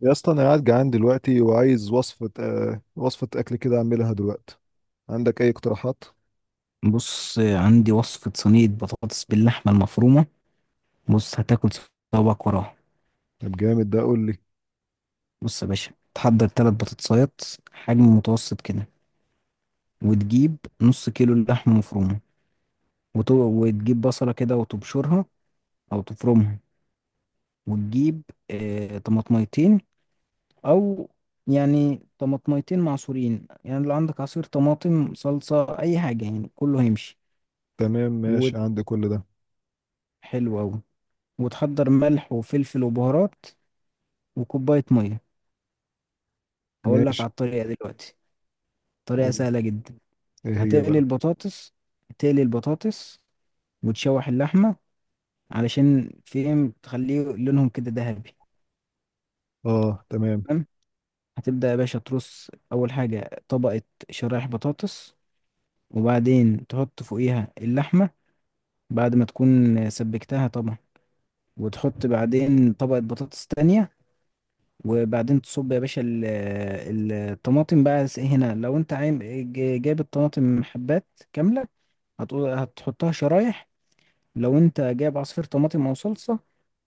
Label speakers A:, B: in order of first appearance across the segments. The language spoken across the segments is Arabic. A: يا اسطى انا قاعد جعان دلوقتي وعايز وصفة وصفة اكل كده اعملها دلوقتي. عندك اي اقتراحات؟
B: بص، عندي وصفة صينية بطاطس باللحمة المفرومة. بص، هتاكل صوابعك وراها.
A: طب جامد، ده قول لي.
B: بص يا باشا، تحضر تلات بطاطسايات حجم متوسط كده، وتجيب نص كيلو لحمة مفرومة، وتجيب بصلة كده وتبشرها أو تفرمها. وتجيب، طماطميتين. أو يعني طماطميتين معصورين، يعني لو عندك عصير طماطم، صلصة، أي حاجة يعني كله هيمشي.
A: تمام ماشي عندي كل ده.
B: وحلو أوي. وتحضر ملح وفلفل وبهارات وكوباية مية. هقول لك
A: ماشي.
B: على الطريقة دلوقتي، طريقة
A: أوه.
B: سهلة جدا.
A: ايه هي
B: هتقلي
A: بقى؟
B: البطاطس هتقلي البطاطس وتشوح اللحمة، علشان فيهم تخليه لونهم كده ذهبي.
A: اه تمام.
B: تمام، هتبدأ يا باشا ترص أول حاجة طبقة شرايح بطاطس، وبعدين تحط فوقيها اللحمة بعد ما تكون سبكتها طبعا، وتحط بعدين طبقة بطاطس تانية، وبعدين تصب يا باشا الطماطم بقى. هنا لو انت عايز جايب الطماطم حبات كاملة، هتقول هتحطها شرايح. لو انت جايب عصير طماطم او صلصة،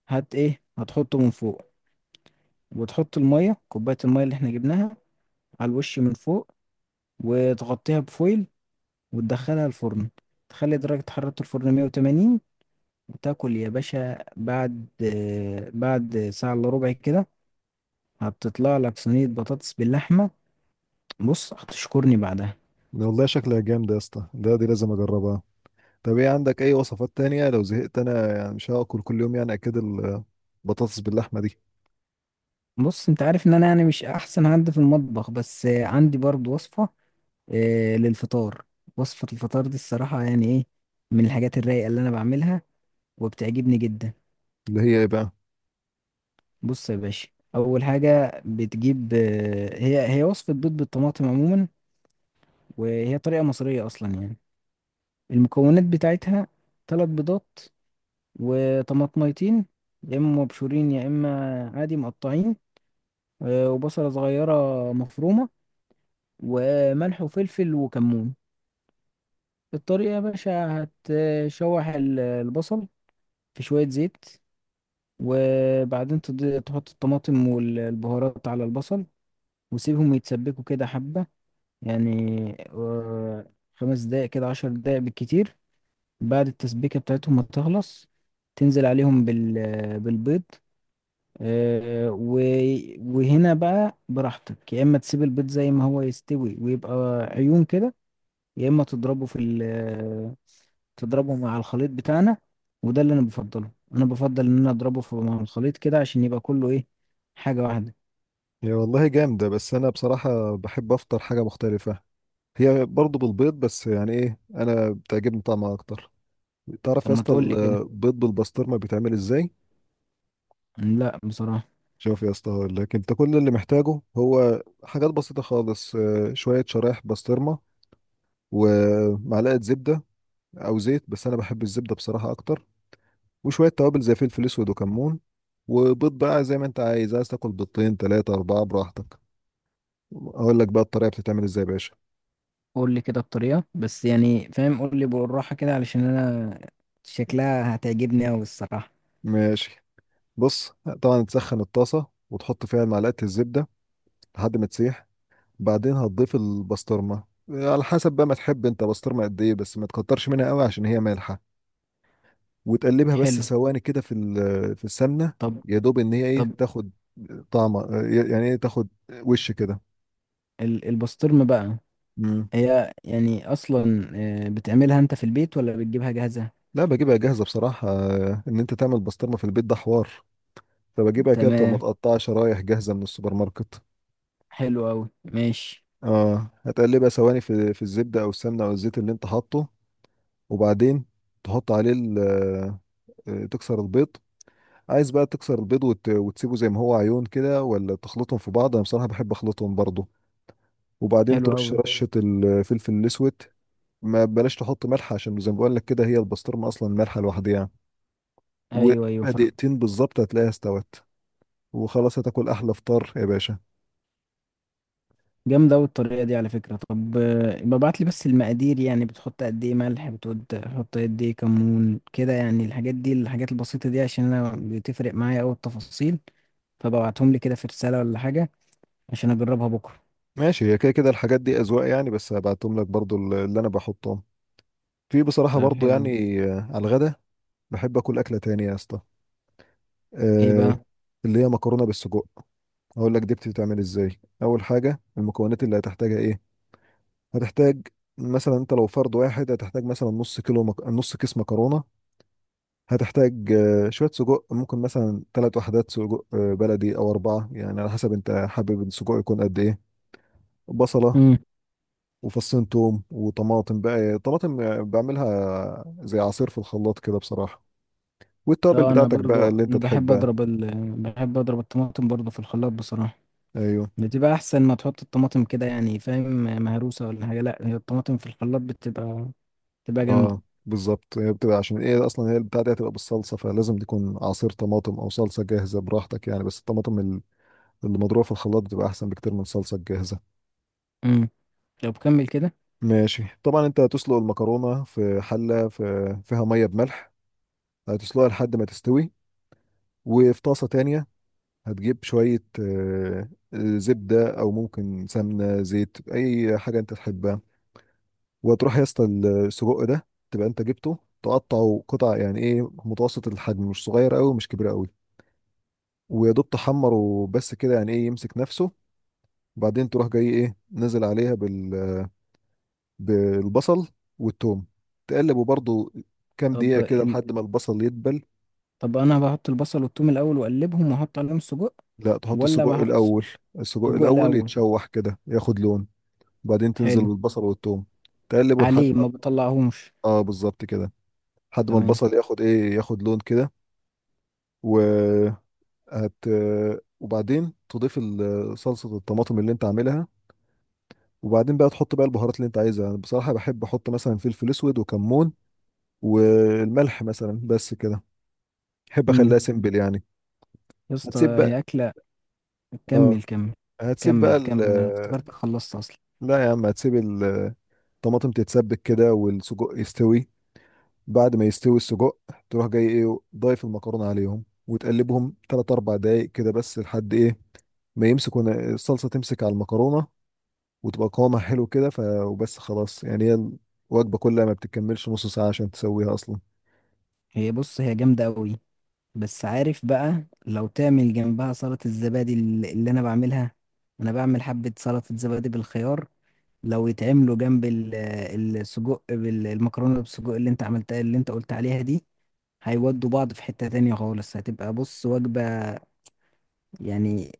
B: هت ايه هتحطه من فوق. وتحط المية، كوباية المية اللي احنا جبناها، على الوش من فوق. وتغطيها بفويل وتدخلها الفرن. تخلي درجة حرارة الفرن 180. وتاكل يا باشا بعد بعد ساعة الا ربع كده. هتطلع لك صينية بطاطس باللحمة. بص، هتشكرني بعدها.
A: ده والله شكلها جامد يا اسطى، ده دي لازم اجربها. طب ايه عندك اي وصفات تانية لو زهقت انا، يعني مش هاكل كل يوم يعني اكيد البطاطس باللحمة دي.
B: بص، انت عارف ان انا يعني مش احسن حد في المطبخ، بس عندي برضو وصفة، للفطار. وصفة الفطار دي الصراحة يعني ايه، من الحاجات الرايقة اللي انا بعملها وبتعجبني جدا.
A: اللي هي ايه بقى؟
B: بص يا باشا، اول حاجة بتجيب، هي وصفة بيض بالطماطم عموما، وهي طريقة مصرية اصلا يعني. المكونات بتاعتها ثلاث بيضات، وطماطميتين يا اما مبشورين يا اما عادي مقطعين، وبصلة صغيرة مفرومة، وملح وفلفل وكمون. الطريقة يا باشا، هتشوح البصل في شوية زيت. وبعدين تحط الطماطم والبهارات على البصل، وسيبهم يتسبكوا كده حبة، يعني، خمس دقايق كده، عشر دقايق بالكتير. بعد التسبيكة بتاعتهم ما تخلص، تنزل عليهم بالبيض، آه، و- وهنا بقى براحتك. يا إما تسيب البيض زي ما هو يستوي ويبقى عيون كده، يا اما تضربه في ال تضربه مع الخليط بتاعنا. وده اللي انا بفضل ان انا اضربه مع الخليط كده عشان يبقى كله ايه، حاجة واحدة.
A: هي والله جامدة بس انا بصراحة بحب افطر حاجة مختلفة. هي برضه بالبيض بس يعني ايه، انا بتعجبني طعمها اكتر. تعرف
B: طب
A: يا
B: ما
A: اسطى
B: تقول لي كده؟
A: البيض بالبسطرمه بيتعمل ازاي؟
B: لا بصراحة.
A: شوف يا اسطى، هقول لك، انت كل اللي محتاجه هو حاجات بسيطه خالص، شويه شرايح بسطرمه، ومعلقه زبده او زيت، بس انا بحب الزبده بصراحه اكتر. وشويه توابل زي فلفل اسود وكمون، وبيض بقى زي ما انت عايز، عايز تاكل بيضتين ثلاثه اربعه براحتك. اقول لك بقى الطريقه بتتعمل ازاي يا باشا.
B: قول لي كده الطريقة، بس يعني فاهم، قول لي بالراحة كده علشان انا شكلها هتعجبني قوي الصراحة.
A: ماشي. بص، طبعا تسخن الطاسه وتحط فيها معلقه الزبده لحد ما تسيح. بعدين هتضيف البسطرمة على حسب بقى ما تحب انت بسطرمة قد ايه، بس ما تكترش منها قوي عشان هي مالحة. وتقلبها بس
B: حلو.
A: ثواني كده في السمنة.
B: طب.
A: يا دوب ان هي ايه
B: طب،
A: تاخد طعم، يعني ايه تاخد وش كده.
B: البسطرمة بقى
A: مم.
B: هي يعني اصلا، بتعملها انت في البيت ولا بتجيبها جاهزة؟
A: لا بجيبها جاهزة بصراحة. ان انت تعمل بسطرمة في البيت ده حوار. فبجيبها كده بتبقى
B: تمام،
A: متقطعة شرايح جاهزة من السوبر ماركت.
B: حلو قوي ماشي.
A: اه هتقلبها ثواني في الزبدة او السمنة او الزيت اللي انت حاطه. وبعدين تحط عليه تكسر البيض. عايز بقى تكسر البيض وتسيبه زي ما هو عيون كده، ولا تخلطهم في بعض؟ انا بصراحه بحب اخلطهم برضو. وبعدين
B: حلو
A: ترش
B: قوي.
A: رشه الفلفل الاسود. ما بلاش تحط ملح عشان زي ما بقول لك كده، هي البسطرمه اصلا مالحه لوحدها. وبقى
B: ايوه ايوه.
A: دقيقتين بالظبط هتلاقيها استوت، وخلاص هتاكل احلى فطار يا باشا.
B: جامدة أوي الطريقة دي على فكرة. طب يبقى ابعت لي بس المقادير، يعني بتحط قد إيه ملح، بتحط قد إيه كمون كده، يعني الحاجات دي، الحاجات البسيطة دي، عشان أنا بتفرق معايا أوي التفاصيل. فببعتهم لي كده في رسالة ولا حاجة، عشان أجربها بكرة.
A: ماشي، هي كده كده الحاجات دي اذواق يعني، بس هبعتهم لك برضو اللي انا بحطهم في، بصراحه
B: طيب
A: برضو
B: حلو.
A: يعني، على الغدا. بحب اكل اكله تانية يا اسطى،
B: إيه بقى؟
A: آه، اللي هي مكرونه بالسجق. هقول لك دي بتتعمل ازاي. اول حاجه المكونات اللي هتحتاجها ايه. هتحتاج مثلا انت لو فرد واحد هتحتاج مثلا نص كيلو نص كيس مكرونه. هتحتاج شويه سجق، ممكن مثلا ثلاث وحدات سجق بلدي او اربعه، يعني على حسب انت حابب السجق يكون قد ايه. بصله،
B: مم.
A: وفصين توم، وطماطم بقى. طماطم بعملها زي عصير في الخلاط كده بصراحه. والتوابل
B: اه، أنا
A: بتاعتك
B: برضو
A: بقى اللي انت
B: أنا بحب
A: تحبها.
B: بحب أضرب الطماطم برضو في الخلاط بصراحة.
A: ايوه
B: بتبقى أحسن ما تحط الطماطم كده، يعني فاهم، مهروسة ولا حاجة. لأ، هي الطماطم في الخلاط بتبقى
A: اه
B: جامدة.
A: بالظبط، هي بتبقى عشان ايه، اصلا هي البتاعه دي هتبقى بالصلصه، فلازم تكون عصير طماطم او صلصه جاهزه براحتك يعني، بس الطماطم اللي مضروبه في الخلاط بتبقى احسن بكتير من الصلصه الجاهزه.
B: مم. طب كمل كده.
A: ماشي، طبعا انت هتسلق المكرونه في حله، فيها ميه بملح. هتسلقها لحد ما تستوي. وفي طاسه تانية هتجيب شويه زبده او ممكن سمنه زيت اي حاجه انت تحبها. وتروح يا اسطى السجق ده تبقى انت جبته تقطعه قطع، يعني ايه متوسط الحجم، مش صغير قوي مش كبير قوي. ويا دوب تحمر وبس كده، يعني ايه يمسك نفسه. وبعدين تروح جاي ايه نزل عليها بالبصل والثوم. تقلبه برضو كام
B: طب
A: دقيقة كده لحد ما البصل يدبل.
B: طب انا بحط البصل والثوم الاول واقلبهم واحط عليهم السجق،
A: لا تحط
B: ولا
A: السجق
B: بح...
A: الأول. السجق
B: سجق
A: الأول
B: الاول.
A: يتشوح كده ياخد لون، وبعدين تنزل
B: حلو،
A: بالبصل والثوم. تقلبه لحد
B: عليه ما
A: ما،
B: بطلعهمش.
A: اه بالظبط كده، لحد ما
B: تمام.
A: البصل ياخد ايه، ياخد لون كده. و هت... وبعدين تضيف صلصة الطماطم اللي انت عاملها. وبعدين بقى تحط بقى البهارات اللي انت عايزها. انا بصراحة بحب احط مثلا فلفل اسود وكمون والملح مثلا، بس كده، بحب
B: امم،
A: اخليها سيمبل يعني.
B: يا اسطى
A: هتسيب
B: هي
A: بقى.
B: اكله.
A: اه
B: كمل كمل.
A: هتسيب
B: كمل
A: بقى ال،
B: كمل، انا افتكرت خلصت اصلا.
A: لا يا عم، هتسيب الطماطم تتسبك كده والسجق يستوي. بعد ما يستوي السجق، تروح جاي ايه ضايف المكرونة عليهم وتقلبهم 3 4 دقايق كده، بس لحد ايه ما يمسكوا الصلصة، تمسك على المكرونة وتبقى قوامها حلو كده. وبس خلاص يعني، هي الوجبة كلها ما بتكملش نص ساعة عشان تسويها أصلا.
B: هي بص هي جامده قوي، بس عارف بقى لو تعمل جنبها سلطه الزبادي اللي انا بعملها. انا بعمل حبه سلطه زبادي بالخيار، لو يتعملوا جنب السجق، بالمكرونه بالسجق اللي انت عملتها اللي انت قلت عليها دي، هيودوا بعض في حتة تانية خالص. هتبقى بص وجبة، يعني،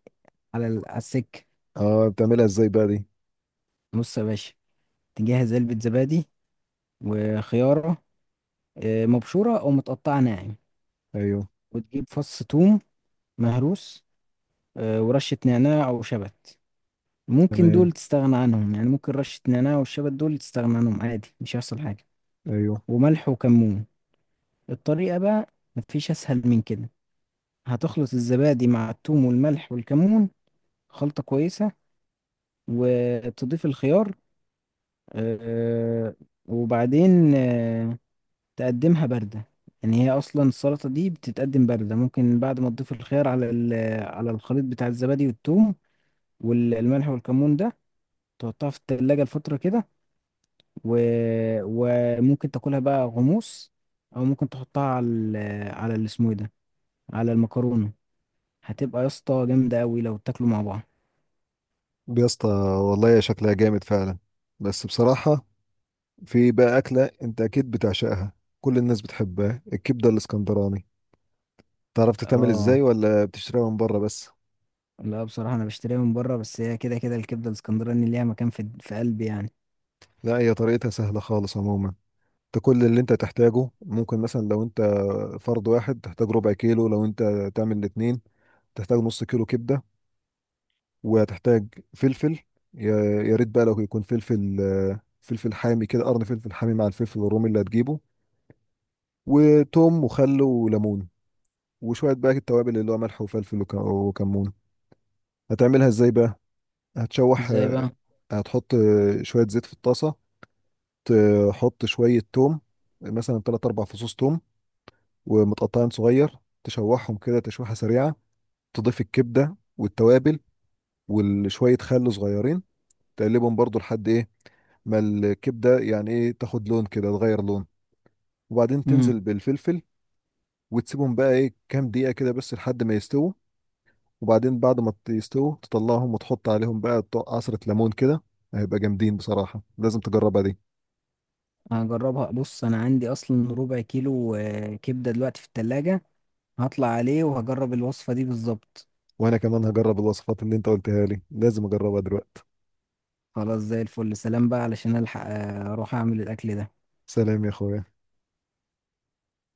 B: على على السكة.
A: اه بتعملها ازاي بقى دي؟
B: بص يا باشا، تجهز علبة زبادي، وخيارة مبشورة أو متقطعة ناعم،
A: ايوه
B: وتجيب فص ثوم مهروس، ورشة نعناع أو شبت. ممكن
A: تمام
B: دول تستغنى عنهم، يعني ممكن رشة نعناع والشبت دول تستغنى عنهم عادي، مش هيحصل حاجة.
A: ايوه.
B: وملح وكمون. الطريقة بقى، مفيش أسهل من كده. هتخلط الزبادي مع الثوم والملح والكمون خلطة كويسة، وتضيف الخيار، آه، وبعدين، تقدمها باردة. يعني هي أصلا السلطة دي بتتقدم باردة. ممكن بعد ما تضيف الخيار على على الخليط بتاع الزبادي والثوم والملح والكمون ده، تحطها في التلاجة لفترة كده، و... وممكن تاكلها بقى غموس، أو ممكن تحطها على على اللي اسمه إيه ده، على المكرونة. هتبقى يا اسطى جامدة أوي لو تاكلوا مع بعض.
A: دي يا اسطى والله شكلها جامد فعلا، بس بصراحة في بقى أكلة أنت أكيد بتعشقها، كل الناس بتحبها، الكبدة الإسكندراني. تعرف تتعمل
B: اه.
A: إزاي ولا بتشتريها من بره بس؟
B: لا بصراحة أنا بشتريها من بره، بس هي كده كده الكبدة الاسكندراني ليها مكان في قلبي يعني.
A: لا هي طريقتها سهلة خالص عموما. أنت كل اللي أنت تحتاجه، ممكن مثلا لو أنت فرد واحد تحتاج ربع كيلو، لو أنت تعمل الاتنين تحتاج نص كيلو كبدة. وهتحتاج فلفل، يا يا ريت بقى لو يكون فلفل، فلفل حامي كده، قرن فلفل حامي مع الفلفل الرومي اللي هتجيبه، وتوم وخل وليمون، وشوية بقى التوابل اللي هو ملح وفلفل وكمون. هتعملها ازاي بقى؟ هتشوح
B: ازاي بقى؟
A: هتحط شوية زيت في الطاسة. تحط شوية توم، مثلا تلات أربع فصوص توم ومتقطعين صغير. تشوحهم كده تشويحة سريعة. تضيف الكبدة والتوابل وشوية خل صغيرين. تقلبهم برضو لحد ايه، ما الكبده يعني ايه تاخد لون كده، تغير لون. وبعدين
B: مم.
A: تنزل بالفلفل، وتسيبهم بقى ايه كام دقيقه كده، بس لحد ما يستووا. وبعدين بعد ما يستووا تطلعهم وتحط عليهم بقى عصره ليمون كده. هيبقى جامدين بصراحه، لازم تجربها دي.
B: هجربها. بص انا عندي اصلا ربع كيلو كبدة دلوقتي في التلاجة، هطلع عليه وهجرب الوصفة دي بالظبط.
A: وانا كمان هجرب الوصفات اللي انت قلتها لي، لازم اجربها دلوقتي.
B: خلاص زي الفل. سلام بقى، علشان الحق اروح اعمل الاكل ده.
A: سلام يا اخويا.